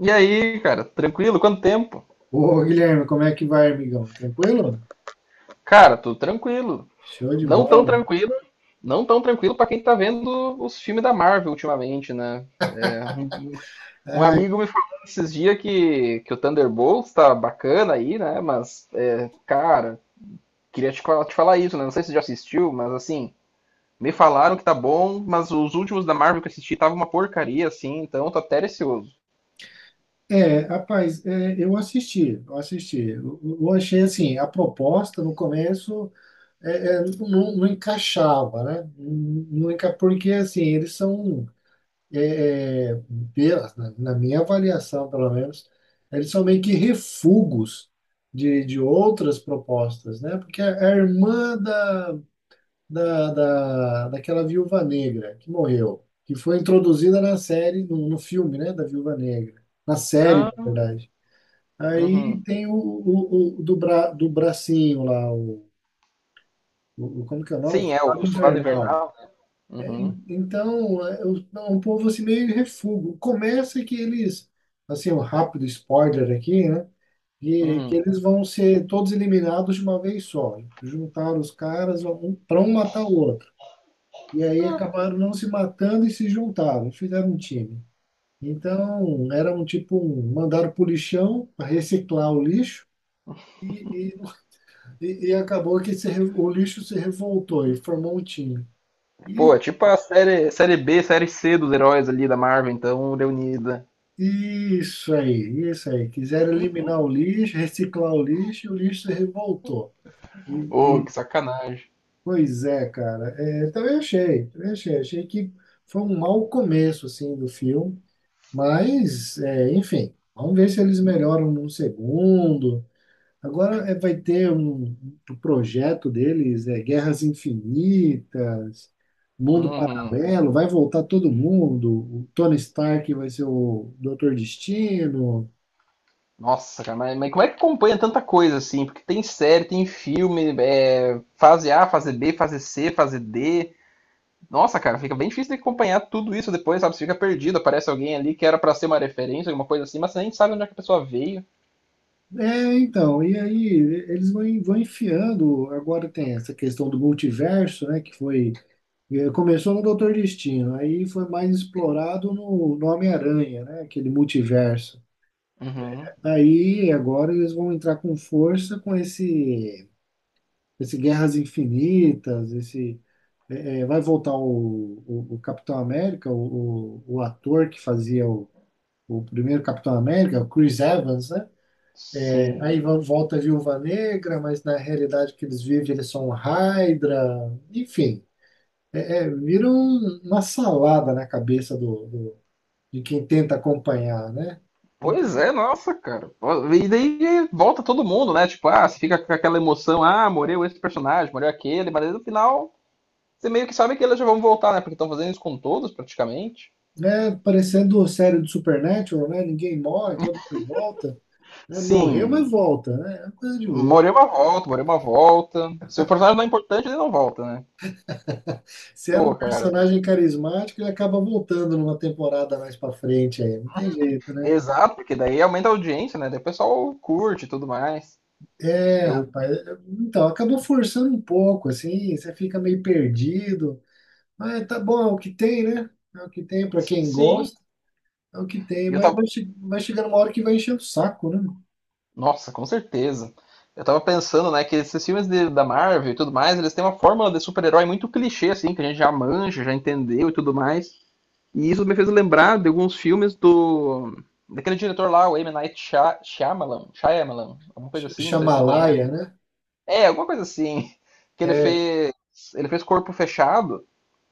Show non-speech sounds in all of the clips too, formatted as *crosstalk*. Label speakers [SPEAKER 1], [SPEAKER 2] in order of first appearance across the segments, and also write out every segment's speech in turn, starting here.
[SPEAKER 1] E aí, cara, tranquilo? Quanto tempo?
[SPEAKER 2] Ô, Guilherme, como é que vai, amigão? Tranquilo?
[SPEAKER 1] Cara, tudo tranquilo.
[SPEAKER 2] Show de
[SPEAKER 1] Não tão
[SPEAKER 2] bola.
[SPEAKER 1] tranquilo, não tão tranquilo pra quem tá vendo os filmes da Marvel ultimamente, né? É, um, um
[SPEAKER 2] Ah,
[SPEAKER 1] amigo me falou esses dias que o Thunderbolts tá bacana aí, né? Mas, cara, queria te, te falar isso, né? Não sei se você já assistiu, mas assim, me falaram que tá bom, mas os últimos da Marvel que eu assisti tava uma porcaria, assim, então eu tô até receoso.
[SPEAKER 2] é, rapaz, é, eu assisti. Eu achei assim, a proposta no começo é, não encaixava, né? Não, porque assim, eles são, é, é, na minha avaliação, pelo menos, eles são meio que refugos de outras propostas, né? Porque a irmã da daquela viúva negra que morreu, que foi introduzida na série, no filme, né, da Viúva Negra. Na série, na
[SPEAKER 1] Ah.
[SPEAKER 2] verdade. Aí
[SPEAKER 1] Uhum.
[SPEAKER 2] tem o do, bra, do bracinho lá, como que é o nome? O
[SPEAKER 1] Sim, é, o
[SPEAKER 2] Soldado
[SPEAKER 1] Soldado
[SPEAKER 2] Invernal.
[SPEAKER 1] Invernal, né? Uhum,
[SPEAKER 2] Então, é um povo assim meio refúgio. Começa que eles, assim, um rápido spoiler aqui, né? Que
[SPEAKER 1] uhum.
[SPEAKER 2] eles vão ser todos eliminados de uma vez só. Juntaram os caras, um para um matar o outro. E aí acabaram não se matando e se juntaram, fizeram um time. Então, era um tipo, um, mandaram para o lixão para reciclar o lixo e, e, acabou que se, re- o lixo se revoltou e formou um time.
[SPEAKER 1] Pô,
[SPEAKER 2] E
[SPEAKER 1] é tipo a série, série B, série C dos heróis ali da Marvel, então, reunida.
[SPEAKER 2] e isso aí, isso aí. Quiseram eliminar o lixo, reciclar o lixo e o lixo se revoltou. E,
[SPEAKER 1] Ô, que
[SPEAKER 2] e-
[SPEAKER 1] sacanagem.
[SPEAKER 2] pois é, cara. É, também achei, também achei. Achei que foi um mau começo, assim, do filme. Mas, é, enfim, vamos ver se eles melhoram num segundo. Agora é, vai ter um, projeto deles, é Guerras Infinitas, Mundo
[SPEAKER 1] Uhum.
[SPEAKER 2] Paralelo, vai voltar todo mundo. O Tony Stark vai ser o Doutor Destino.
[SPEAKER 1] Nossa, cara, mas como é que acompanha tanta coisa assim? Porque tem série, tem filme, fase A, fase B, fase C, fase D. Nossa, cara, fica bem difícil de acompanhar tudo isso depois, sabe? Você fica perdido, aparece alguém ali que era pra ser uma referência, alguma coisa assim, mas você nem sabe onde é que a pessoa veio.
[SPEAKER 2] É, então, e aí eles vão, enfiando. Agora tem essa questão do multiverso, né? Que foi. Começou no Doutor Destino, aí foi mais explorado no, Homem-Aranha, né? Aquele multiverso.
[SPEAKER 1] Uhum.
[SPEAKER 2] Aí agora eles vão entrar com força com esse, Guerras Infinitas, esse vai voltar o, Capitão América, o ator que fazia o primeiro Capitão América, o Chris Evans, né?
[SPEAKER 1] Sim.
[SPEAKER 2] Aí volta a Viúva Negra, mas na realidade que eles vivem eles são Hydra, enfim, vira uma salada na cabeça de quem tenta acompanhar, né?
[SPEAKER 1] Pois é, nossa, cara. E daí volta todo mundo, né? Tipo, ah, você fica com aquela emoção, ah, morreu esse personagem, morreu aquele, mas aí no final você meio que sabe que eles já vão voltar, né? Porque estão fazendo isso com todos, praticamente.
[SPEAKER 2] É, parecendo série do Supernatural, né? Ninguém morre, todo mundo volta, né? Morreu, mas
[SPEAKER 1] Sim,
[SPEAKER 2] volta, né? É uma coisa de louco.
[SPEAKER 1] morreu uma volta, morreu uma volta. Se o personagem não é importante, ele não volta, né?
[SPEAKER 2] Se era um
[SPEAKER 1] Pô, cara.
[SPEAKER 2] personagem carismático, ele acaba voltando numa temporada mais pra frente aí. Não tem jeito, né?
[SPEAKER 1] Exato, porque daí aumenta a audiência, né? Daí o pessoal curte e tudo mais.
[SPEAKER 2] É,
[SPEAKER 1] Eu.
[SPEAKER 2] rapaz. Então, acabou forçando um pouco, assim. Você fica meio perdido. Mas tá bom, é o que tem, né? É o que tem pra quem
[SPEAKER 1] Sim.
[SPEAKER 2] gosta. É o que tem,
[SPEAKER 1] E eu
[SPEAKER 2] mas
[SPEAKER 1] tava.
[SPEAKER 2] vai chegando uma hora que vai encher o saco, né?
[SPEAKER 1] Nossa, com certeza. Eu tava pensando, né, que esses filmes da Marvel e tudo mais, eles têm uma fórmula de super-herói muito clichê, assim, que a gente já manja, já entendeu e tudo mais. E isso me fez lembrar de alguns filmes do daquele diretor lá, o M. Night Shyamalan, Shyamalan, alguma coisa
[SPEAKER 2] Sh-
[SPEAKER 1] assim, não sei se você conhece.
[SPEAKER 2] Shamalaia, né?
[SPEAKER 1] É, alguma coisa assim, que
[SPEAKER 2] É,
[SPEAKER 1] ele fez Corpo Fechado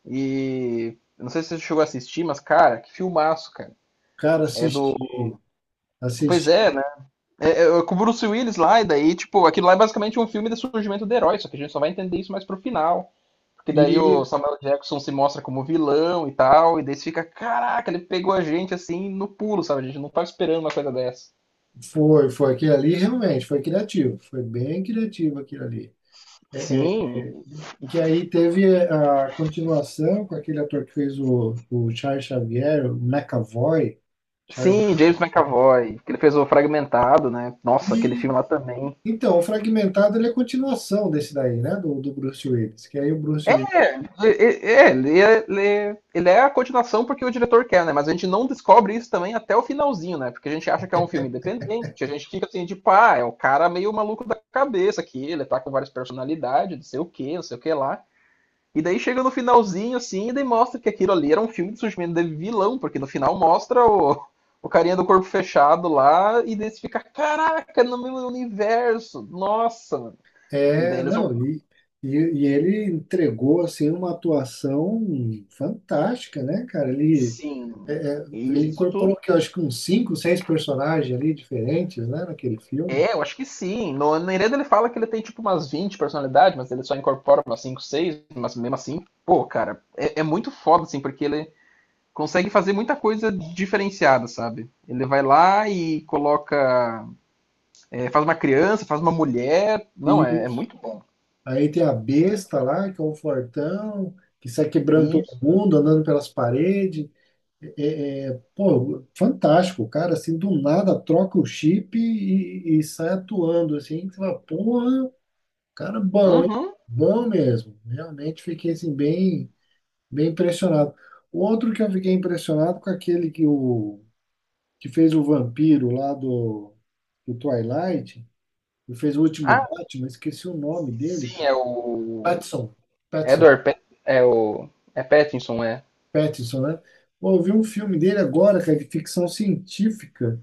[SPEAKER 1] e eu não sei se você chegou a assistir, mas, cara, que filmaço, cara.
[SPEAKER 2] cara,
[SPEAKER 1] É do.
[SPEAKER 2] assistir.
[SPEAKER 1] Pois é. É, é, é com o Bruce Willis lá, e daí, tipo, aquilo lá é basicamente um filme do surgimento do herói, só que a gente só vai entender isso mais pro final. Porque daí
[SPEAKER 2] E
[SPEAKER 1] o Samuel Jackson se mostra como vilão e tal, e daí você fica, caraca, ele pegou a gente assim no pulo, sabe? A gente não tava esperando uma coisa dessa.
[SPEAKER 2] foi aquilo ali, realmente, foi criativo, foi bem criativo aquilo ali. É,
[SPEAKER 1] Sim,
[SPEAKER 2] é, é, que aí teve a continuação com aquele ator que fez o, Charles Xavier, o McAvoy, Charles
[SPEAKER 1] sim, James
[SPEAKER 2] McAvoy.
[SPEAKER 1] McAvoy, que ele fez o Fragmentado, né? Nossa, aquele
[SPEAKER 2] E,
[SPEAKER 1] filme lá também.
[SPEAKER 2] então, o Fragmentado ele é a continuação desse daí, né, do Bruce Willis, que aí o Bruce Willis
[SPEAKER 1] É, é, ele é a continuação porque o diretor quer, né? Mas a gente não descobre isso também até o finalzinho, né? Porque a gente acha que é um filme independente, a gente fica assim, tipo, ah, é um cara meio maluco da cabeça aqui, ele tá com várias personalidades, não sei o quê, não sei o que lá. E daí chega no finalzinho, assim, e daí mostra que aquilo ali era um filme de surgimento de vilão, porque no final mostra o carinha do corpo fechado lá, e daí você fica, caraca, no meu universo, nossa, mano. E daí
[SPEAKER 2] é,
[SPEAKER 1] eles vão.
[SPEAKER 2] não, e ele entregou, assim, uma atuação fantástica, né, cara, ele.
[SPEAKER 1] Sim,
[SPEAKER 2] Ele incorporou
[SPEAKER 1] isso.
[SPEAKER 2] que eu acho que uns cinco, seis personagens ali diferentes, né, naquele filme.
[SPEAKER 1] É, eu acho que sim. No, na Ireda ele fala que ele tem tipo umas 20 personalidades, mas ele só incorpora umas 5, 6. Mas mesmo assim, pô, cara, é muito foda, assim, porque ele consegue fazer muita coisa diferenciada, sabe? Ele vai lá e coloca. É, faz uma criança, faz uma mulher. Não, é
[SPEAKER 2] Isso.
[SPEAKER 1] muito bom.
[SPEAKER 2] Aí tem a besta lá, que é o fortão, que sai quebrando todo
[SPEAKER 1] Isso.
[SPEAKER 2] mundo, andando pelas paredes. Pô, fantástico, o cara, assim, do nada troca o chip e sai atuando, assim, que você fala, porra, cara bom, hein?
[SPEAKER 1] Uhum.
[SPEAKER 2] Bom mesmo. Realmente fiquei, assim, bem, bem impressionado. Outro que eu fiquei impressionado com aquele que fez o vampiro lá do Twilight, e fez o último
[SPEAKER 1] Ah,
[SPEAKER 2] Batman, esqueci o nome dele,
[SPEAKER 1] sim, é
[SPEAKER 2] cara.
[SPEAKER 1] o.
[SPEAKER 2] Pattinson, Pattinson,
[SPEAKER 1] Edward Pat. É o. É Pattinson, é.
[SPEAKER 2] Pattinson, né? Pô, eu vi um filme dele agora, cara, de ficção científica,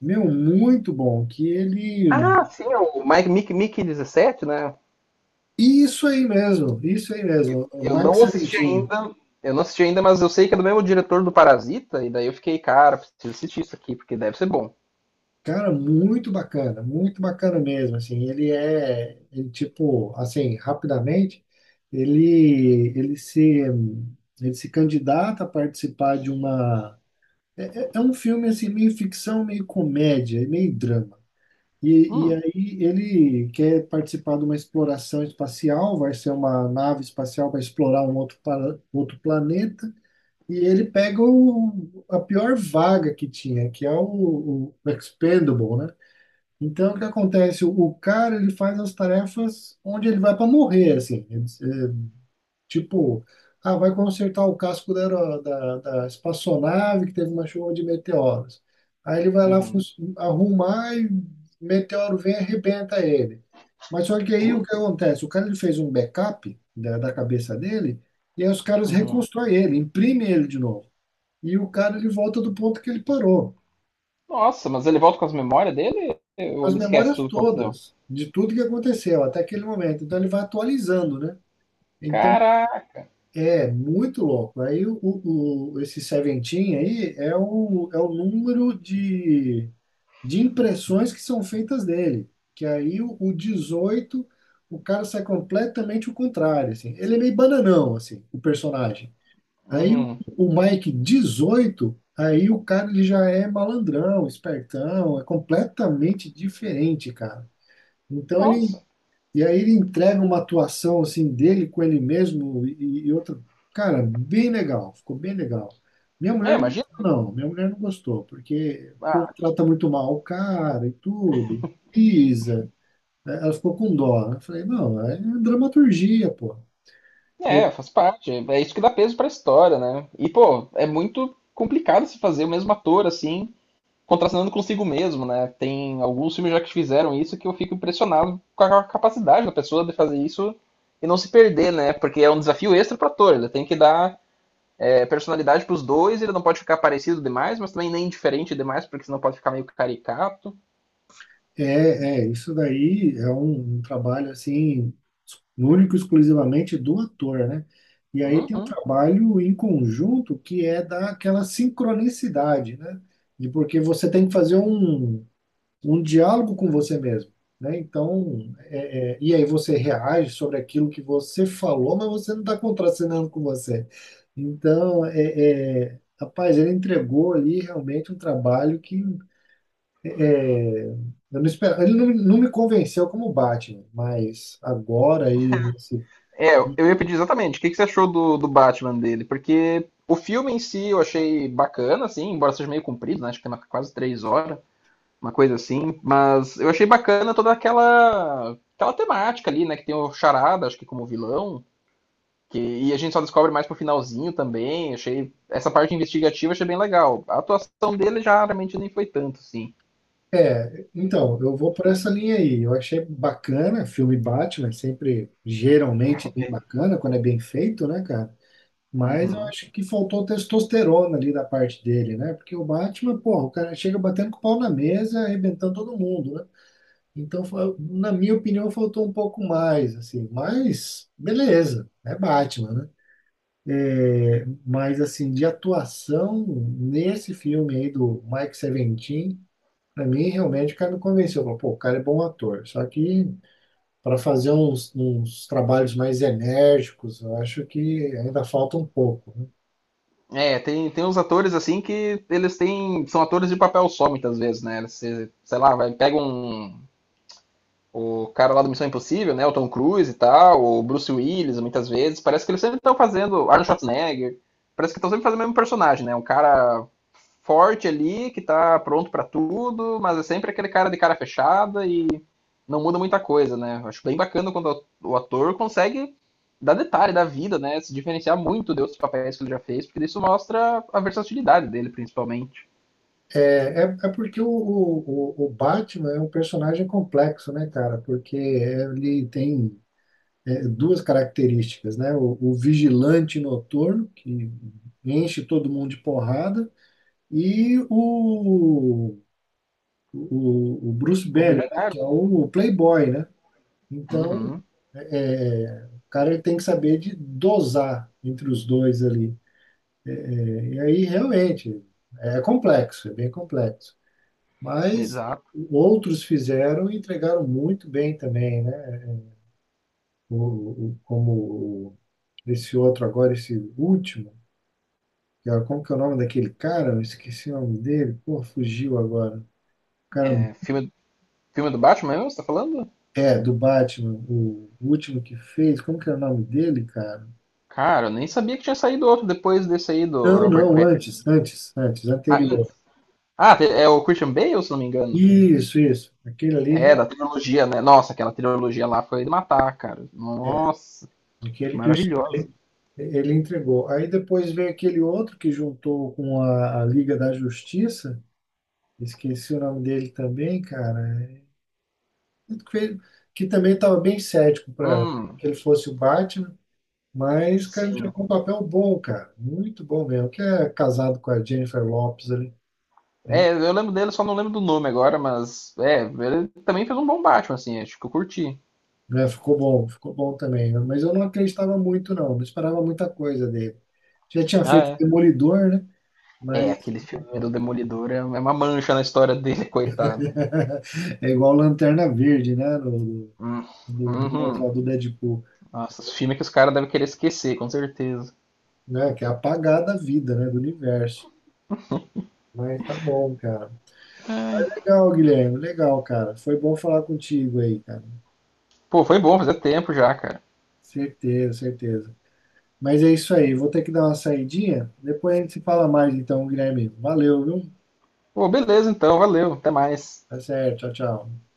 [SPEAKER 2] meu, muito bom, que ele.
[SPEAKER 1] Ah, sim, é o Mike Mickey, Mickey 17, né?
[SPEAKER 2] Isso aí mesmo, o
[SPEAKER 1] Eu
[SPEAKER 2] Mike
[SPEAKER 1] não assisti
[SPEAKER 2] Seventeen.
[SPEAKER 1] ainda. Eu não assisti ainda, mas eu sei que é do mesmo diretor do Parasita, e daí eu fiquei, cara, preciso assistir isso aqui, porque deve ser bom.
[SPEAKER 2] Cara, muito bacana mesmo, assim, ele é, ele, tipo, assim, rapidamente, ele, ele se, ele se candidata a participar de uma, é um filme, assim, meio ficção, meio comédia, meio drama, e
[SPEAKER 1] Hum,
[SPEAKER 2] aí ele quer participar de uma exploração espacial, vai ser uma nave espacial para explorar para outro planeta, e ele pega a pior vaga que tinha, que é o, Expendable, né? Então, o que acontece? O cara, ele faz as tarefas onde ele vai para morrer, assim. É, tipo, ah, vai consertar o casco da espaçonave que teve uma chuva de meteoros. Aí ele vai lá
[SPEAKER 1] uhum,
[SPEAKER 2] arrumar e meteoro vem e arrebenta ele. Mas só que aí o que acontece? O cara, ele fez um backup da, cabeça dele e aí os caras
[SPEAKER 1] uhum.
[SPEAKER 2] reconstroem ele, imprimem ele de novo. E o cara, ele volta do ponto que ele parou.
[SPEAKER 1] Nossa, mas ele volta com as memórias dele ou
[SPEAKER 2] As
[SPEAKER 1] ele esquece
[SPEAKER 2] memórias
[SPEAKER 1] tudo que aconteceu?
[SPEAKER 2] todas de tudo que aconteceu até aquele momento. Então ele vai atualizando, né? Então
[SPEAKER 1] Caraca,
[SPEAKER 2] é muito louco. Aí esse Seventeen aí é o, é o número de impressões que são feitas dele. Que aí o 18, o cara sai completamente o contrário, assim. Ele é meio bananão, assim, o personagem. Aí o,
[SPEAKER 1] uhum.
[SPEAKER 2] o Mike 18, aí o cara ele já é malandrão, espertão, é completamente diferente, cara. Então ele
[SPEAKER 1] Nossa.
[SPEAKER 2] e aí ele entrega uma atuação assim dele com ele mesmo e outra, cara, bem legal, ficou bem legal. Minha
[SPEAKER 1] É,
[SPEAKER 2] mulher não
[SPEAKER 1] imagina.
[SPEAKER 2] gostou, não, minha mulher não gostou, porque o povo
[SPEAKER 1] Ah,
[SPEAKER 2] trata muito mal o cara e tudo, pisa. Ela ficou com dó, né? Eu falei, não, é dramaturgia, pô. É,
[SPEAKER 1] é, faz parte. É isso que dá peso pra história, né? E, pô, é muito complicado se fazer o mesmo ator, assim, contracenando consigo mesmo, né? Tem alguns filmes já que fizeram isso que eu fico impressionado com a capacidade da pessoa de fazer isso e não se perder, né? Porque é um desafio extra para ator. Ele tem que dar personalidade para os dois. Ele não pode ficar parecido demais, mas também nem diferente demais, porque senão pode ficar meio caricato.
[SPEAKER 2] É, isso daí é um, trabalho assim, único e exclusivamente do ator, né? E aí tem o
[SPEAKER 1] Uhum.
[SPEAKER 2] trabalho em conjunto que é daquela sincronicidade, né? De porque você tem que fazer um diálogo com você mesmo, né? Então, e aí você reage sobre aquilo que você falou, mas você não está contracenando com você. Então, rapaz, ele entregou ali realmente um trabalho que é. Eu não espero, ele não me convenceu como Batman, mas agora aí nesse.
[SPEAKER 1] É, eu ia pedir exatamente. Que você achou do Batman dele? Porque o filme em si eu achei bacana, assim, embora seja meio comprido, né? Acho que tem quase 3 horas. Uma coisa assim. Mas eu achei bacana toda aquela temática ali, né? Que tem o Charada, acho que como vilão. Que, e a gente só descobre mais pro finalzinho também. Achei essa parte investigativa achei bem legal. A atuação dele já realmente nem foi tanto, sim.
[SPEAKER 2] É, então, eu vou por essa linha aí. Eu achei bacana, filme Batman, sempre geralmente bem bacana quando é bem feito, né, cara? Mas eu
[SPEAKER 1] Uhum.
[SPEAKER 2] acho que faltou testosterona ali da parte dele, né? Porque o Batman, porra, o cara chega batendo com o pau na mesa, arrebentando todo mundo, né? Então, na minha opinião, faltou um pouco mais, assim. Mas, beleza, é Batman, né? Mas, assim, de atuação nesse filme aí do Mike Seventeen, pra mim, realmente, o cara me convenceu. Falei, pô, o cara é bom ator. Só que para fazer uns trabalhos mais enérgicos, eu acho que ainda falta um pouco, né?
[SPEAKER 1] É, tem uns atores assim que eles têm. São atores de papel só muitas vezes, né? Você, sei lá, vai, pega um, o cara lá do Missão Impossível, né? O Tom Cruise e tal, o Bruce Willis, muitas vezes. Parece que eles sempre estão fazendo. Arnold Schwarzenegger. Parece que estão sempre fazendo o mesmo personagem, né? Um cara forte ali, que tá pronto para tudo, mas é sempre aquele cara de cara fechada e não muda muita coisa, né? Acho bem bacana quando o ator consegue dar detalhe da vida, né? Se diferenciar muito de outros papéis que ele já fez, porque isso mostra a versatilidade dele, principalmente.
[SPEAKER 2] É porque o, o Batman é um personagem complexo, né, cara? Porque ele tem duas características, né? O vigilante noturno, que enche todo mundo de porrada, e o Bruce
[SPEAKER 1] O
[SPEAKER 2] Banner, né,
[SPEAKER 1] bilionário.
[SPEAKER 2] que é o playboy, né? Então,
[SPEAKER 1] Uhum,
[SPEAKER 2] é, o cara ele tem que saber de dosar entre os dois ali. E aí, realmente, é complexo, é bem complexo. Mas
[SPEAKER 1] exato.
[SPEAKER 2] outros fizeram e entregaram muito bem também, né? Como esse outro agora, esse último, que era, como que é o nome daquele cara? Eu esqueci o nome dele. Pô, fugiu agora. O cara,
[SPEAKER 1] É, filme do Batman mesmo, você tá falando?
[SPEAKER 2] é, do Batman, o último que fez. Como que é o nome dele, cara?
[SPEAKER 1] Cara, eu nem sabia que tinha saído outro depois desse aí do
[SPEAKER 2] Não,
[SPEAKER 1] Robert
[SPEAKER 2] não,
[SPEAKER 1] Pattinson.
[SPEAKER 2] antes, antes, antes,
[SPEAKER 1] Ah,
[SPEAKER 2] anterior.
[SPEAKER 1] antes. Ah, é o Christian Bale, se não me engano.
[SPEAKER 2] Isso, isso. Aquele ali,
[SPEAKER 1] É, da trilogia, né? Nossa, aquela trilogia lá foi de matar, cara.
[SPEAKER 2] é,
[SPEAKER 1] Nossa,
[SPEAKER 2] aquele que o
[SPEAKER 1] maravilhosa.
[SPEAKER 2] Stanley, ele entregou. Aí depois veio aquele outro que juntou com a, Liga da Justiça, esqueci o nome dele também, cara, que, que também estava bem cético para
[SPEAKER 1] Hum,
[SPEAKER 2] que ele fosse o Batman, mas, cara, ele
[SPEAKER 1] sim.
[SPEAKER 2] jogou um papel bom, cara, muito bom mesmo, que é casado com a Jennifer Lopez ali, né?
[SPEAKER 1] É, eu lembro dele, só não lembro do nome agora, mas é, ele também fez um bom Batman, assim, acho que eu curti.
[SPEAKER 2] É, ficou bom também, né. Mas eu não acreditava muito, não. Não esperava muita coisa dele. Já tinha
[SPEAKER 1] Ah,
[SPEAKER 2] feito
[SPEAKER 1] é.
[SPEAKER 2] Demolidor, né?
[SPEAKER 1] É,
[SPEAKER 2] Mas
[SPEAKER 1] aquele filme do Demolidor é uma mancha na história dele, *laughs* coitado.
[SPEAKER 2] *laughs* é igual Lanterna Verde, né? Do,
[SPEAKER 1] Hum,
[SPEAKER 2] do, do outro
[SPEAKER 1] uhum.
[SPEAKER 2] lado do Deadpool,
[SPEAKER 1] Nossa, esse filme é que os caras devem querer esquecer, com certeza.
[SPEAKER 2] né? Que é apagar da vida, né? Do universo. Mas tá bom, cara.
[SPEAKER 1] Ai.
[SPEAKER 2] Legal, Guilherme. Legal, cara. Foi bom falar contigo aí, cara.
[SPEAKER 1] Pô, foi bom, fazia tempo já, cara.
[SPEAKER 2] Certeza, certeza. Mas é isso aí. Vou ter que dar uma saidinha. Depois a gente se fala mais, então, Guilherme. Valeu, viu?
[SPEAKER 1] Pô, beleza então, valeu, até mais.
[SPEAKER 2] Tá certo. Tchau, tchau.